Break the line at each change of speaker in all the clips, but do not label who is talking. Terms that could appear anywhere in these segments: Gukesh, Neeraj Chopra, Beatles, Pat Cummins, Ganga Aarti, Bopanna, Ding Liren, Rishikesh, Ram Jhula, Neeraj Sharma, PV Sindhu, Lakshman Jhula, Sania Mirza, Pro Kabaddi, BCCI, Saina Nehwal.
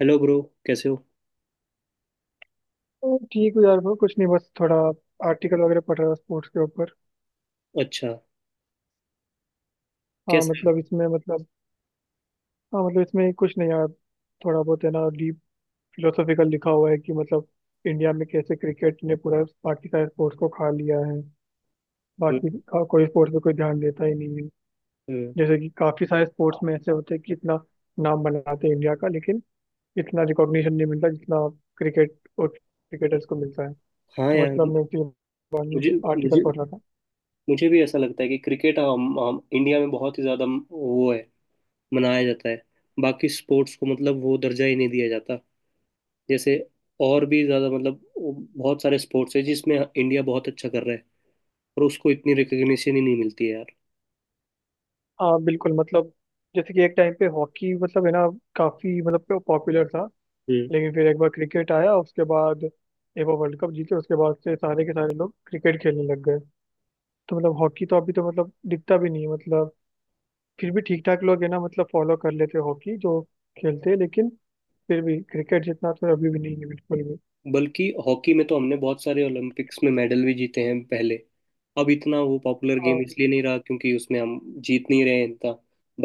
Hello bro, कैसे हो।
तो ठीक हूँ यार ब्रो कुछ नहीं, बस थोड़ा आर्टिकल वगैरह पढ़ रहा था स्पोर्ट्स के ऊपर।
अच्छा।
हाँ
कैसे।
मतलब इसमें मतलब हाँ मतलब इसमें कुछ नहीं यार, थोड़ा बहुत है ना डीप फिलोसॉफिकल लिखा हुआ है कि मतलब इंडिया में कैसे क्रिकेट ने पूरा बाकी सारे स्पोर्ट्स को खा लिया है। बाकी
हम्म।
का कोई स्पोर्ट्स पे कोई ध्यान देता ही नहीं है।
हम्म।
जैसे कि काफी सारे स्पोर्ट्स में ऐसे होते हैं कि इतना नाम बनाते हैं इंडिया का, लेकिन इतना रिकॉग्निशन नहीं मिलता जितना क्रिकेट और क्रिकेटर्स को मिलता है।
हाँ
तो
यार।
मतलब मैं उसी बारे में
मुझे
आर्टिकल
मुझे
पढ़ रहा था।
मुझे भी ऐसा लगता है कि क्रिकेट हम इंडिया में बहुत ही ज़्यादा वो है मनाया जाता है। बाकी स्पोर्ट्स को मतलब वो दर्जा ही नहीं दिया जाता, जैसे और भी ज़्यादा मतलब वो बहुत सारे स्पोर्ट्स है जिसमें इंडिया बहुत अच्छा कर रहा है। और उसको इतनी रिकग्निशन ही नहीं मिलती है।
हाँ, बिल्कुल मतलब जैसे कि एक टाइम पे हॉकी मतलब है ना काफी मतलब पॉपुलर था,
यार,
लेकिन फिर एक बार क्रिकेट आया, उसके बाद एक बार वर्ल्ड कप जीते, उसके बाद से सारे के सारे लोग क्रिकेट खेलने लग गए। तो मतलब हॉकी तो अभी तो मतलब दिखता भी नहीं है मतलब, फिर भी ठीक ठाक लोग है ना मतलब फॉलो कर लेते हैं हॉकी जो खेलते हैं, लेकिन फिर भी क्रिकेट जितना तो अभी भी नहीं है बिल्कुल भी।
बल्कि हॉकी में तो हमने बहुत सारे ओलंपिक्स में मेडल भी जीते हैं पहले। अब इतना वो पॉपुलर गेम
हाँ,
इसलिए नहीं रहा क्योंकि उसमें हम जीत नहीं रहे हैं इतना,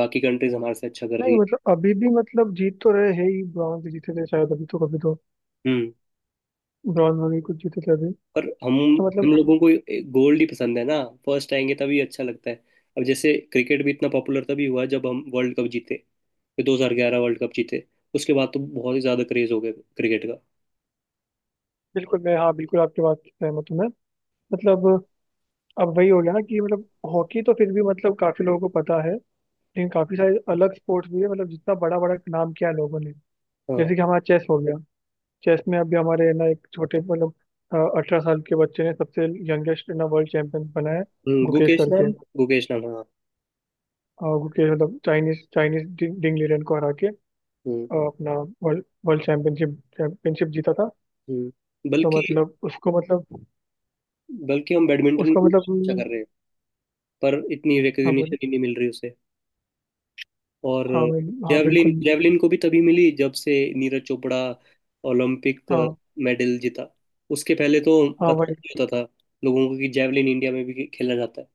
बाकी कंट्रीज हमारे से अच्छा कर रही
नहीं
है।
मतलब अभी भी मतलब जीत तो रहे हैं ही, ब्रॉन्ज जीते थे शायद अभी, तो कभी तो
हम्म।
ब्रॉन्ज में भी कुछ जीते थे अभी।
पर हम
तो मतलब
हम लोगों को गोल्ड ही पसंद है ना, फर्स्ट आएंगे तभी अच्छा लगता है। अब जैसे क्रिकेट भी इतना पॉपुलर तभी हुआ जब हम वर्ल्ड कप जीते, ये 2011 वर्ल्ड कप जीते। उसके बाद तो बहुत ही ज्यादा क्रेज हो गया क्रिकेट का।
बिल्कुल, मैं हाँ बिल्कुल आपकी बात से सहमत हूँ मैं मतलब। अब वही हो गया ना कि मतलब हॉकी तो फिर भी मतलब काफी लोगों को पता है, लेकिन काफी सारे अलग स्पोर्ट्स भी है मतलब जितना बड़ा बड़ा नाम किया है लोगों ने।
हाँ।
जैसे कि हमारा चेस हो गया, चेस में अभी हमारे है ना एक छोटे मतलब 18 साल के बच्चे ने सबसे यंगेस्ट ना वर्ल्ड चैंपियन बना है, गुकेश
गुकेश
करके।
नाम। गुकेश नाम, हाँ।
और गुकेश मतलब चाइनीज चाइनीज डिंग लीरन को हरा के
हम्म।
अपना वर्ल्ड वर्ल्ड चैंपियनशिप चैंपियनशिप जीता था।
हम्म।
तो
बल्कि,
मतलब उसको मतलब
बल्कि हम बैडमिंटन में
उसको
भी
मतलब
अच्छा कर रहे हैं। पर इतनी
हाँ बोले।
रिकग्निशन ही नहीं मिल रही उसे। और
हाँ, मैं हाँ
जेवलिन
बिल्कुल
जेवलिन को भी तभी मिली जब से नीरज चोपड़ा ओलंपिक
हाँ,
मेडल जीता। उसके पहले तो
हाँ
पता
भाई
नहीं होता था लोगों को कि जेवलिन इंडिया में भी खेला जाता है।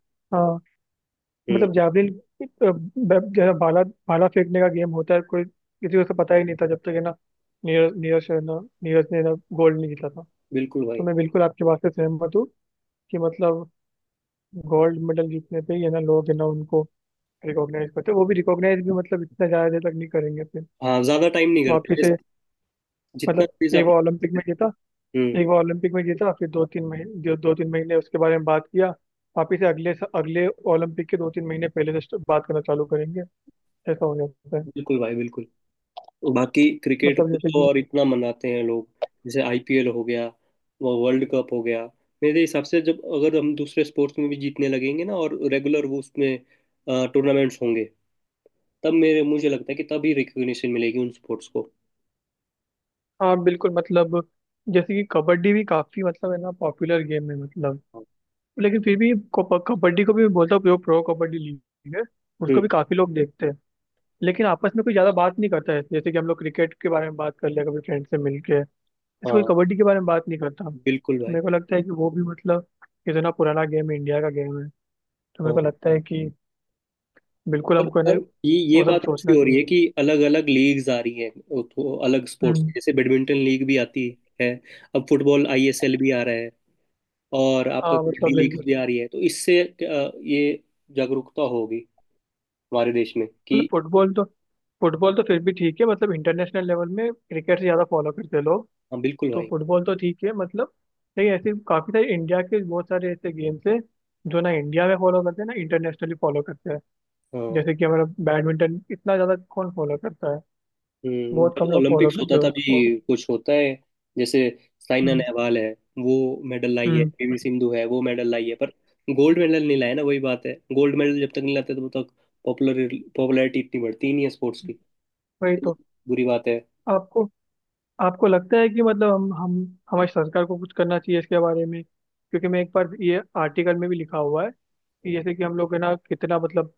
हम्म।
मतलब जावलिन जैसा भाला, भाला फेंकने का गेम होता है, कोई किसी को उसका पता ही नहीं था जब तक है ना नीरज नीरज शर्मा नीरज ने ना गोल्ड नहीं जीता था।
बिल्कुल
तो
भाई।
मैं बिल्कुल आपके बात से सहमत हूँ कि मतलब गोल्ड मेडल जीतने पे ही है ना लोग है ना उनको रिकॉग्नाइज करते हैं। वो भी रिकॉग्नाइज भी मतलब इतना ज़्यादा देर तक नहीं करेंगे, फिर
हाँ, ज्यादा टाइम नहीं करते,
वापिस से
जैसे जितना
मतलब
प्लीज
एक
आप।
बार ओलंपिक में जीता,
हम्म।
एक बार ओलंपिक में जीता, फिर 2-3 महीने दो तीन महीने उसके बारे में बात किया, वापिस से अगले अगले ओलंपिक के 2-3 महीने पहले से बात करना चालू करेंगे, ऐसा हो जाता है।
बिल्कुल भाई, बिल्कुल। बाकी क्रिकेट
मतलब
को
जैसे
तो
कि
और इतना मनाते हैं लोग। जैसे आईपीएल हो गया, वो वर्ल्ड कप हो गया। मेरे हिसाब से जब अगर हम दूसरे स्पोर्ट्स में भी जीतने लगेंगे ना, और रेगुलर वो उसमें टूर्नामेंट्स होंगे, तब मेरे मुझे लगता है कि तभी रिकग्निशन मिलेगी उन स्पोर्ट्स को।
हाँ बिल्कुल मतलब जैसे कि कबड्डी भी काफी मतलब है ना पॉपुलर गेम है मतलब, लेकिन फिर भी कबड्डी को भी मैं बोलता हूँ प्रो प्रो कबड्डी लीग है, उसको
हम्म।
भी काफी लोग देखते हैं। लेकिन आपस में कोई ज्यादा बात नहीं करता है, जैसे कि हम लोग क्रिकेट के बारे में बात कर लिया कभी फ्रेंड से मिलके, ऐसे कोई
हाँ
कबड्डी के बारे में बात नहीं करता।
बिल्कुल
तो
भाई।
मेरे को लगता है कि वो भी मतलब इतना पुराना गेम है, इंडिया का गेम है, तो मेरे को
हाँ,
लगता है कि बिल्कुल
पर,
हमको है
पर
ना
ये
वो सब
बात ऐसी
सोचना
हो रही
चाहिए।
है कि अलग अलग लीग्स आ रही हैं, वो तो अलग स्पोर्ट्स,
हम्म।
जैसे बैडमिंटन लीग भी आती है। अब फुटबॉल आईएसएल भी आ रहा है, और आपका
हाँ मतलब
कबड्डी लीग
बिल्कुल
भी आ रही है, तो इससे ये जागरूकता होगी हमारे देश में
मतलब
कि।
फुटबॉल तो फिर भी ठीक है मतलब इंटरनेशनल लेवल में क्रिकेट से ज़्यादा फॉलो करते हैं लोग,
हाँ बिल्कुल
तो
भाई।
फुटबॉल तो ठीक है मतलब। लेकिन ऐसे काफ़ी सारे इंडिया के बहुत सारे ऐसे गेम्स हैं जो ना इंडिया में फॉलो करते हैं ना इंटरनेशनली फॉलो करते हैं।
हाँ।
जैसे कि हमारा बैडमिंटन इतना ज़्यादा कौन फॉलो करता है, बहुत
जब
कम लोग फॉलो
ओलंपिक्स
करते
होता
हैं
था भी
उसको।
कुछ होता है, जैसे साइना
हम्म,
नेहवाल है, वो मेडल लाई है,
हम्म,
पीवी सिंधु है, वो मेडल लाई है, पर गोल्ड मेडल नहीं लाया ना, वही बात है, गोल्ड मेडल जब तक नहीं लाते तब तक पॉपुलर पॉपुलैरिटी इतनी बढ़ती ही नहीं है स्पोर्ट्स की।
वही तो।
बुरी बात है।
आपको आपको लगता है कि मतलब हम हमारी सरकार को कुछ करना चाहिए इसके बारे में, क्योंकि मैं एक बार, ये आर्टिकल में भी लिखा हुआ है कि जैसे कि हम लोग है ना कितना मतलब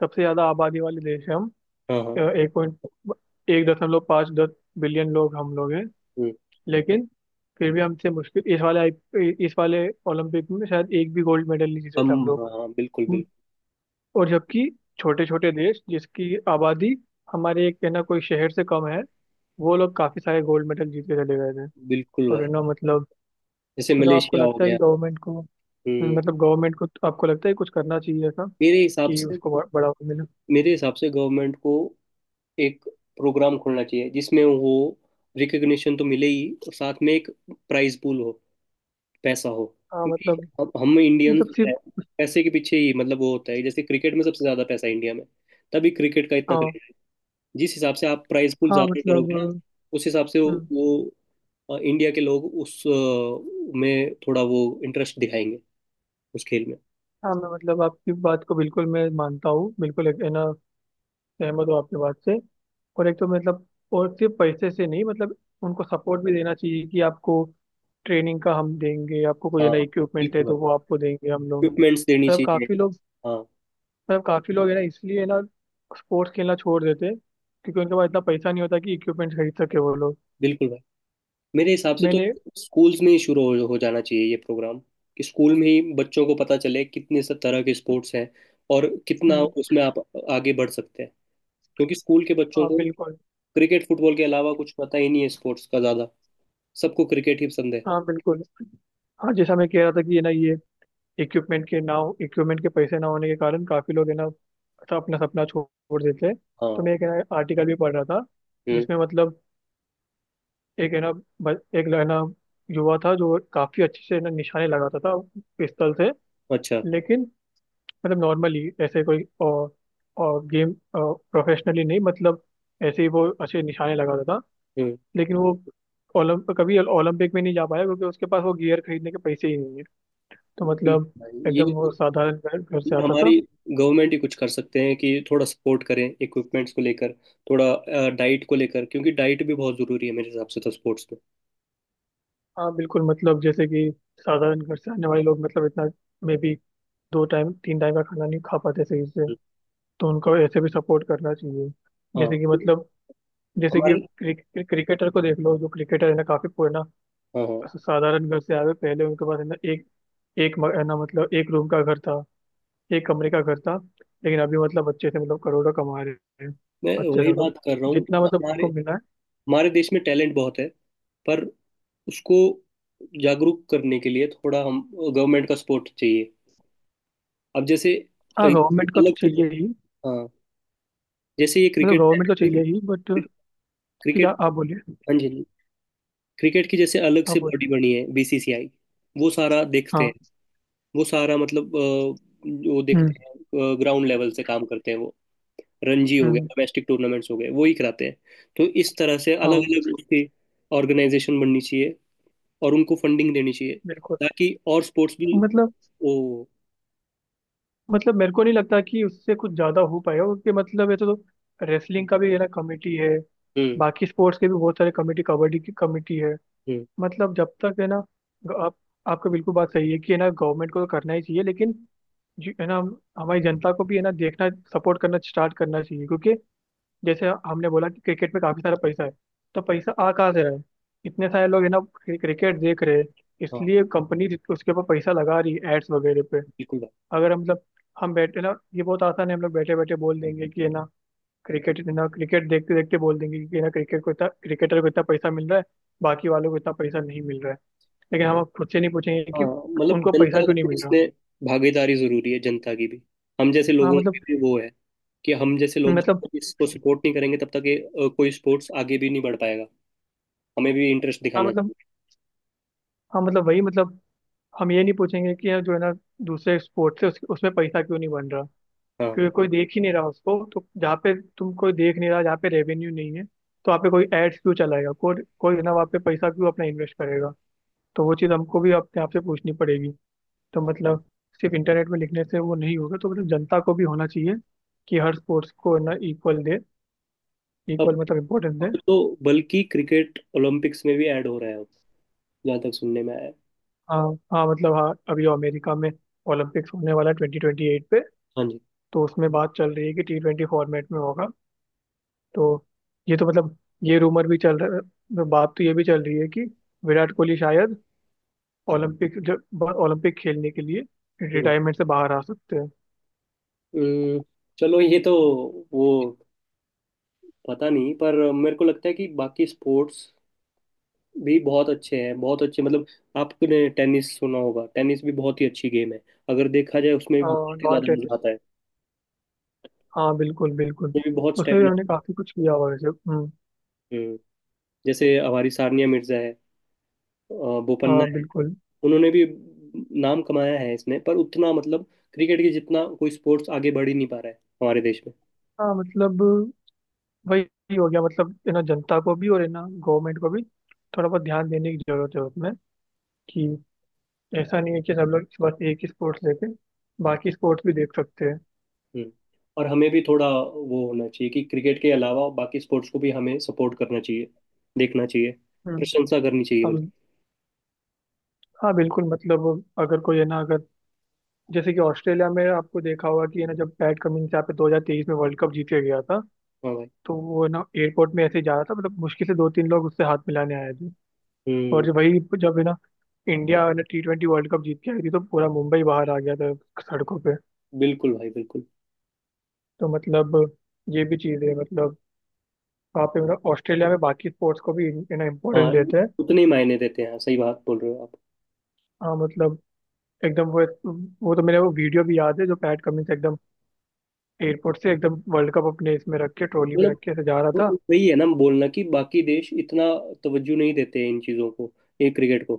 सबसे ज्यादा आबादी वाले देश हैं हम,
हाँ, हाँ।
एक पॉइंट 1.5-10 बिलियन लोग हम लोग हैं,
हम्म,
लेकिन फिर भी हमसे मुश्किल इस वाले इस वाले ओलंपिक में शायद एक भी गोल्ड मेडल नहीं जीते
हम।
थे हम लोग।
हाँ, हाँ, बिल्कुल,
हम्म।
बिल्कुल।
और जबकि छोटे छोटे देश जिसकी आबादी हमारे एक है ना कोई शहर से कम है, वो लोग काफी सारे गोल्ड मेडल जीत के चले गए थे।
बिल्कुल
और
भाई,
है ना मतलब
जैसे
मतलब आपको
मलेशिया हो
लगता है कि
गया।
गवर्नमेंट को
हम्म।
मतलब गवर्नमेंट को आपको लगता है कुछ करना चाहिए ऐसा
मेरे हिसाब
कि
से,
उसको बढ़ावा मिले।
मेरे हिसाब से गवर्नमेंट को एक प्रोग्राम खोलना चाहिए जिसमें वो रिकग्निशन तो मिले ही, और साथ में एक प्राइज पूल हो, पैसा हो।
हाँ
क्योंकि
मतलब
अब हम इंडियंस
मतलब सिर्फ
हैं, पैसे के पीछे ही मतलब वो होता है, जैसे क्रिकेट में सबसे ज्यादा पैसा है इंडिया में, तभी क्रिकेट का इतना
हाँ
क्रेज है। जिस हिसाब से आप प्राइज पूल
हाँ
ज्यादा
मतलब
करोगे ना, उस हिसाब से वो,
हम्म,
वो इंडिया के लोग उस में थोड़ा वो इंटरेस्ट दिखाएंगे उस खेल में।
हाँ मैं मतलब आपकी बात को बिल्कुल मैं मानता हूँ, बिल्कुल एक है ना सहमत हूँ आपकी बात से। और एक तो मतलब और सिर्फ पैसे से नहीं मतलब, उनको सपोर्ट भी देना चाहिए कि आपको ट्रेनिंग का हम देंगे, आपको कोई है
हाँ
ना इक्विपमेंट है
बिल्कुल भाई,
तो वो आपको देंगे हम लोग।
इक्विपमेंट्स देनी
मतलब
चाहिए।
काफ़ी लोग
हाँ
मतलब काफ़ी लोग है ना इसलिए है ना स्पोर्ट्स खेलना छोड़ देते हैं, क्योंकि उनके पास इतना पैसा नहीं होता कि इक्विपमेंट खरीद सके वो लोग।
बिल्कुल भाई, मेरे हिसाब से तो
मैंने
स्कूल्स में ही शुरू हो जाना चाहिए ये प्रोग्राम, कि स्कूल में ही बच्चों को पता चले कितने सब तरह के स्पोर्ट्स हैं, और कितना
हम्म,
उसमें आप आगे बढ़ सकते हैं। क्योंकि स्कूल के बच्चों
हाँ
को
बिल्कुल,
क्रिकेट फुटबॉल के अलावा कुछ पता ही नहीं है स्पोर्ट्स का ज़्यादा, सबको क्रिकेट ही पसंद है।
हाँ बिल्कुल, हाँ जैसा मैं कह रहा था कि है ना ये इक्विपमेंट के ना, इक्विपमेंट के पैसे ना होने के कारण काफी लोग है ना सब अपना सपना छोड़ देते हैं। तो
हाँ।
मैं एक है ना आर्टिकल भी पढ़ रहा था
हम्म।
जिसमें मतलब एक है ना एक है ना युवा था जो काफी अच्छे से ना निशाने लगाता था पिस्तल से,
अच्छा।
लेकिन मतलब नॉर्मली ऐसे कोई और गेम प्रोफेशनली नहीं मतलब, ऐसे ही वो अच्छे निशाने लगाता था,
हम्म।
लेकिन वो ओलंप कभी ओलंपिक में नहीं जा पाया क्योंकि उसके पास वो गियर खरीदने के पैसे ही नहीं है। तो
बिल्कुल
मतलब
भाई, ये
एकदम वो साधारण घर, घर
ये
से आता था।
हमारी गवर्नमेंट ही कुछ कर सकते हैं कि थोड़ा सपोर्ट करें इक्विपमेंट्स को लेकर, थोड़ा डाइट को लेकर, क्योंकि डाइट भी बहुत ज़रूरी है मेरे हिसाब से तो स्पोर्ट्स में।
हाँ बिल्कुल मतलब जैसे कि साधारण घर से आने वाले लोग मतलब इतना मे बी दो टाइम तीन टाइम का खाना नहीं खा पाते सही से,
हम्म,
तो उनको ऐसे भी सपोर्ट करना चाहिए।
हाँ।
जैसे कि
क्योंकि
मतलब जैसे कि
हमारे।
क्रिक, क्रिक- क्रिकेटर को देख लो, जो क्रिकेटर है ना काफी पुराना
हाँ, हाँ,
साधारण घर से आए हुए, पहले उनके पास है ना एक एक है ना मतलब एक रूम का घर था, एक कमरे का घर था, लेकिन अभी मतलब अच्छे से मतलब करोड़ों कमा रहे हैं,
मैं
अच्छे से
वही
मतलब
बात कर रहा हूँ कि
जितना मतलब
हमारे,
उनको मिला है।
हमारे देश में टैलेंट बहुत है। पर उसको जागरूक करने के लिए थोड़ा हम गवर्नमेंट का सपोर्ट चाहिए। अब जैसे
हाँ,
एक
गवर्नमेंट को तो
अलग से,
चाहिए ही
हाँ, जैसे ये
मतलब
क्रिकेट,
गवर्नमेंट को चाहिए ही, बट ठीक
क्रिकेट।
है आप बोलिए।
हाँ जी, क्रिकेट की जैसे अलग
आप
से
बोलिए।
बॉडी बनी है, बीसीसीआई वो सारा देखते हैं,
हाँ।
वो सारा मतलब वो
हम्म।
देखते हैं, ग्राउंड लेवल से काम करते हैं वो। रणजी हो गए,
हम्म,
डोमेस्टिक टूर्नामेंट्स हो गए, वो ही कराते हैं। तो इस तरह से अलग
हाँ
अलग उसकी ऑर्गेनाइजेशन बननी चाहिए, और उनको फंडिंग देनी चाहिए,
बिल्कुल
ताकि और स्पोर्ट्स भी।
मतलब
ओ।
मतलब मेरे को नहीं लगता कि उससे कुछ ज्यादा हो पाएगा, क्योंकि मतलब ये तो रेसलिंग का भी है ना कमेटी है,
हम्म।
बाकी स्पोर्ट्स के भी बहुत सारे कमेटी, कबड्डी की कमेटी है।
हम्म।
मतलब जब तक है ना आप आपका बिल्कुल बात सही है कि है ना गवर्नमेंट को तो करना ही चाहिए, लेकिन है ना हमारी जनता को भी है ना देखना, सपोर्ट करना स्टार्ट करना चाहिए, क्योंकि जैसे हमने बोला कि क्रिकेट में काफी सारा पैसा है, तो पैसा आ कहाँ से रहा है, इतने सारे लोग है ना क्रिकेट देख रहे हैं,
हाँ
इसलिए कंपनी उसके ऊपर पैसा लगा रही है एड्स वगैरह पे।
बिल्कुल भाई।
अगर हम मतलब हम बैठे ना, ये बहुत आसान है हम लोग बैठे बैठे बोल देंगे कि है ना क्रिकेट है ना, क्रिकेट देखते देखते बोल देंगे कि है ना क्रिकेट को इतना, क्रिकेटर को इतना पैसा मिल रहा है, बाकी वालों को इतना पैसा नहीं मिल रहा है, लेकिन हम खुद से नहीं पूछेंगे कि
हाँ मतलब
उनको पैसा
जनता का
क्यों नहीं
भी
मिल रहा।
इसमें भागीदारी जरूरी है, जनता की भी, हम जैसे
हाँ
लोगों की
मतलब
भी वो है, कि हम जैसे लोग जब
मतलब
तक इसको सपोर्ट नहीं करेंगे तब तक ये कोई स्पोर्ट्स आगे भी नहीं बढ़ पाएगा। हमें भी इंटरेस्ट
हाँ
दिखाना
मतलब
चाहिए।
हाँ मतलब वही मतलब हम ये नहीं पूछेंगे कि यार, जो है ना दूसरे स्पोर्ट से उसमें पैसा क्यों नहीं बन रहा,
हाँ।
क्योंकि कोई देख ही नहीं रहा उसको, तो जहाँ पे तुम कोई देख नहीं रहा, जहाँ पे रेवेन्यू नहीं है, तो वहाँ पे कोई एड्स क्यों चलाएगा, कोई कोई है ना वहाँ पे पैसा क्यों अपना इन्वेस्ट करेगा। तो वो चीज़ हमको भी अपने आप से पूछनी पड़ेगी। तो मतलब सिर्फ इंटरनेट में लिखने से वो नहीं होगा, तो मतलब जनता को भी होना चाहिए कि हर स्पोर्ट्स को है ना इक्वल दे, इक्वल
अब
मतलब इम्पोर्टेंस दे।
अब तो बल्कि क्रिकेट ओलंपिक्स में भी ऐड हो रहा है अब, जहाँ तक सुनने में आया है।
हाँ, हाँ मतलब, हाँ अभी अमेरिका में ओलंपिक्स होने वाला है 2028 पे,
हाँ जी।
तो उसमें बात चल रही है कि T20 फॉर्मेट में होगा। तो ये तो मतलब ये रूमर भी चल रहा है, बात तो ये भी चल रही है कि विराट कोहली शायद ओलंपिक जब ओलंपिक खेलने के लिए
हम्म।
रिटायरमेंट से बाहर आ सकते हैं।
हम्म, चलो ये तो वो पता नहीं, पर मेरे को लगता है कि बाकी स्पोर्ट्स भी बहुत अच्छे हैं, बहुत अच्छे मतलब आपने टेनिस सुना होगा, टेनिस भी बहुत ही अच्छी गेम है, अगर देखा जाए उसमें भी
हाँ,
बहुत ही
नॉन
ज्यादा मजा
टेनिस,
आता है,
हाँ बिल्कुल बिल्कुल,
उसमें भी बहुत
उसमें भी
स्टेमिना।
हमने काफी कुछ किया हुआ वैसे। हम्म।
हम्म, जैसे हमारी सानिया मिर्जा है, अ, बोपन्ना
हाँ
है,
बिल्कुल।
उन्होंने भी नाम कमाया है इसमें, पर उतना मतलब क्रिकेट के जितना कोई स्पोर्ट्स आगे बढ़ ही नहीं पा रहा है हमारे देश में।
हाँ मतलब वही हो गया मतलब है ना जनता को भी और है ना गवर्नमेंट को भी थोड़ा बहुत ध्यान देने की जरूरत है उसमें, कि ऐसा नहीं है कि सब लोग बस एक ही स्पोर्ट्स लेके बाकी स्पोर्ट्स भी देख सकते हैं।
हम्म। और हमें भी थोड़ा वो होना चाहिए कि क्रिकेट के अलावा बाकी स्पोर्ट्स को भी हमें सपोर्ट करना चाहिए, देखना चाहिए,
हम्म।
प्रशंसा करनी चाहिए बल्कि।
हम। हाँ बिल्कुल मतलब अगर कोई है ना, अगर जैसे कि ऑस्ट्रेलिया में आपको देखा होगा कि है ना जब पैट कमिंस यहाँ पे 2023 में वर्ल्ड कप जीत के गया था,
हाँ भाई।
तो वो है ना एयरपोर्ट में ऐसे ही जा रहा था, मतलब मुश्किल से 2-3 लोग उससे हाथ मिलाने आए थे। और
हम्म।
जब वही जब है ना इंडिया है ना T20 वर्ल्ड कप जीत के आई थी, तो पूरा मुंबई बाहर आ गया था सड़कों पे।
बिल्कुल भाई, बिल्कुल।
तो मतलब ये भी चीज़ है मतलब वहाँ पे मतलब ऑस्ट्रेलिया में बाकी स्पोर्ट्स को भी है ना
हाँ,
इम्पोर्टेंस देते हैं।
उतने ही मायने देते हैं। हाँ, सही बात बोल रहे हो आप।
हाँ मतलब एकदम वो तो, मेरे वो वीडियो भी याद है जो पैट कमिंस एकदम एयरपोर्ट से एकदम वर्ल्ड कप अपने इसमें रख के, ट्रॉली में रख
मतलब
के ऐसे जा रहा
वो-
था।
वही है ना बोलना कि बाकी देश इतना तवज्जो नहीं देते हैं इन चीज़ों को, ये क्रिकेट को,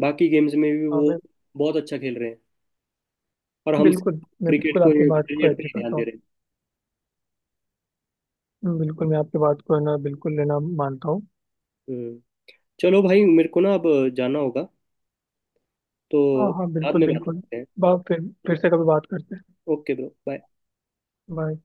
बाकी गेम्स में भी
हाँ
वो
मैं
बहुत अच्छा खेल रहे हैं। और हम
बिल्कुल, मैं
क्रिकेट
बिल्कुल
को
आपकी बात को
क्रिकेट पे
एग्री
ही ध्यान
करता
दे
हूँ।
रहे हैं।
बिल्कुल मैं आपकी बात को है ना बिल्कुल लेना मानता हूँ।
हम्म। चलो भाई, मेरे को ना अब जाना होगा,
हाँ
तो
हाँ
बाद
बिल्कुल
में बात
बिल्कुल,
करते हैं।
बा फिर से कभी बात करते हैं।
Okay bro, bye.
बाय।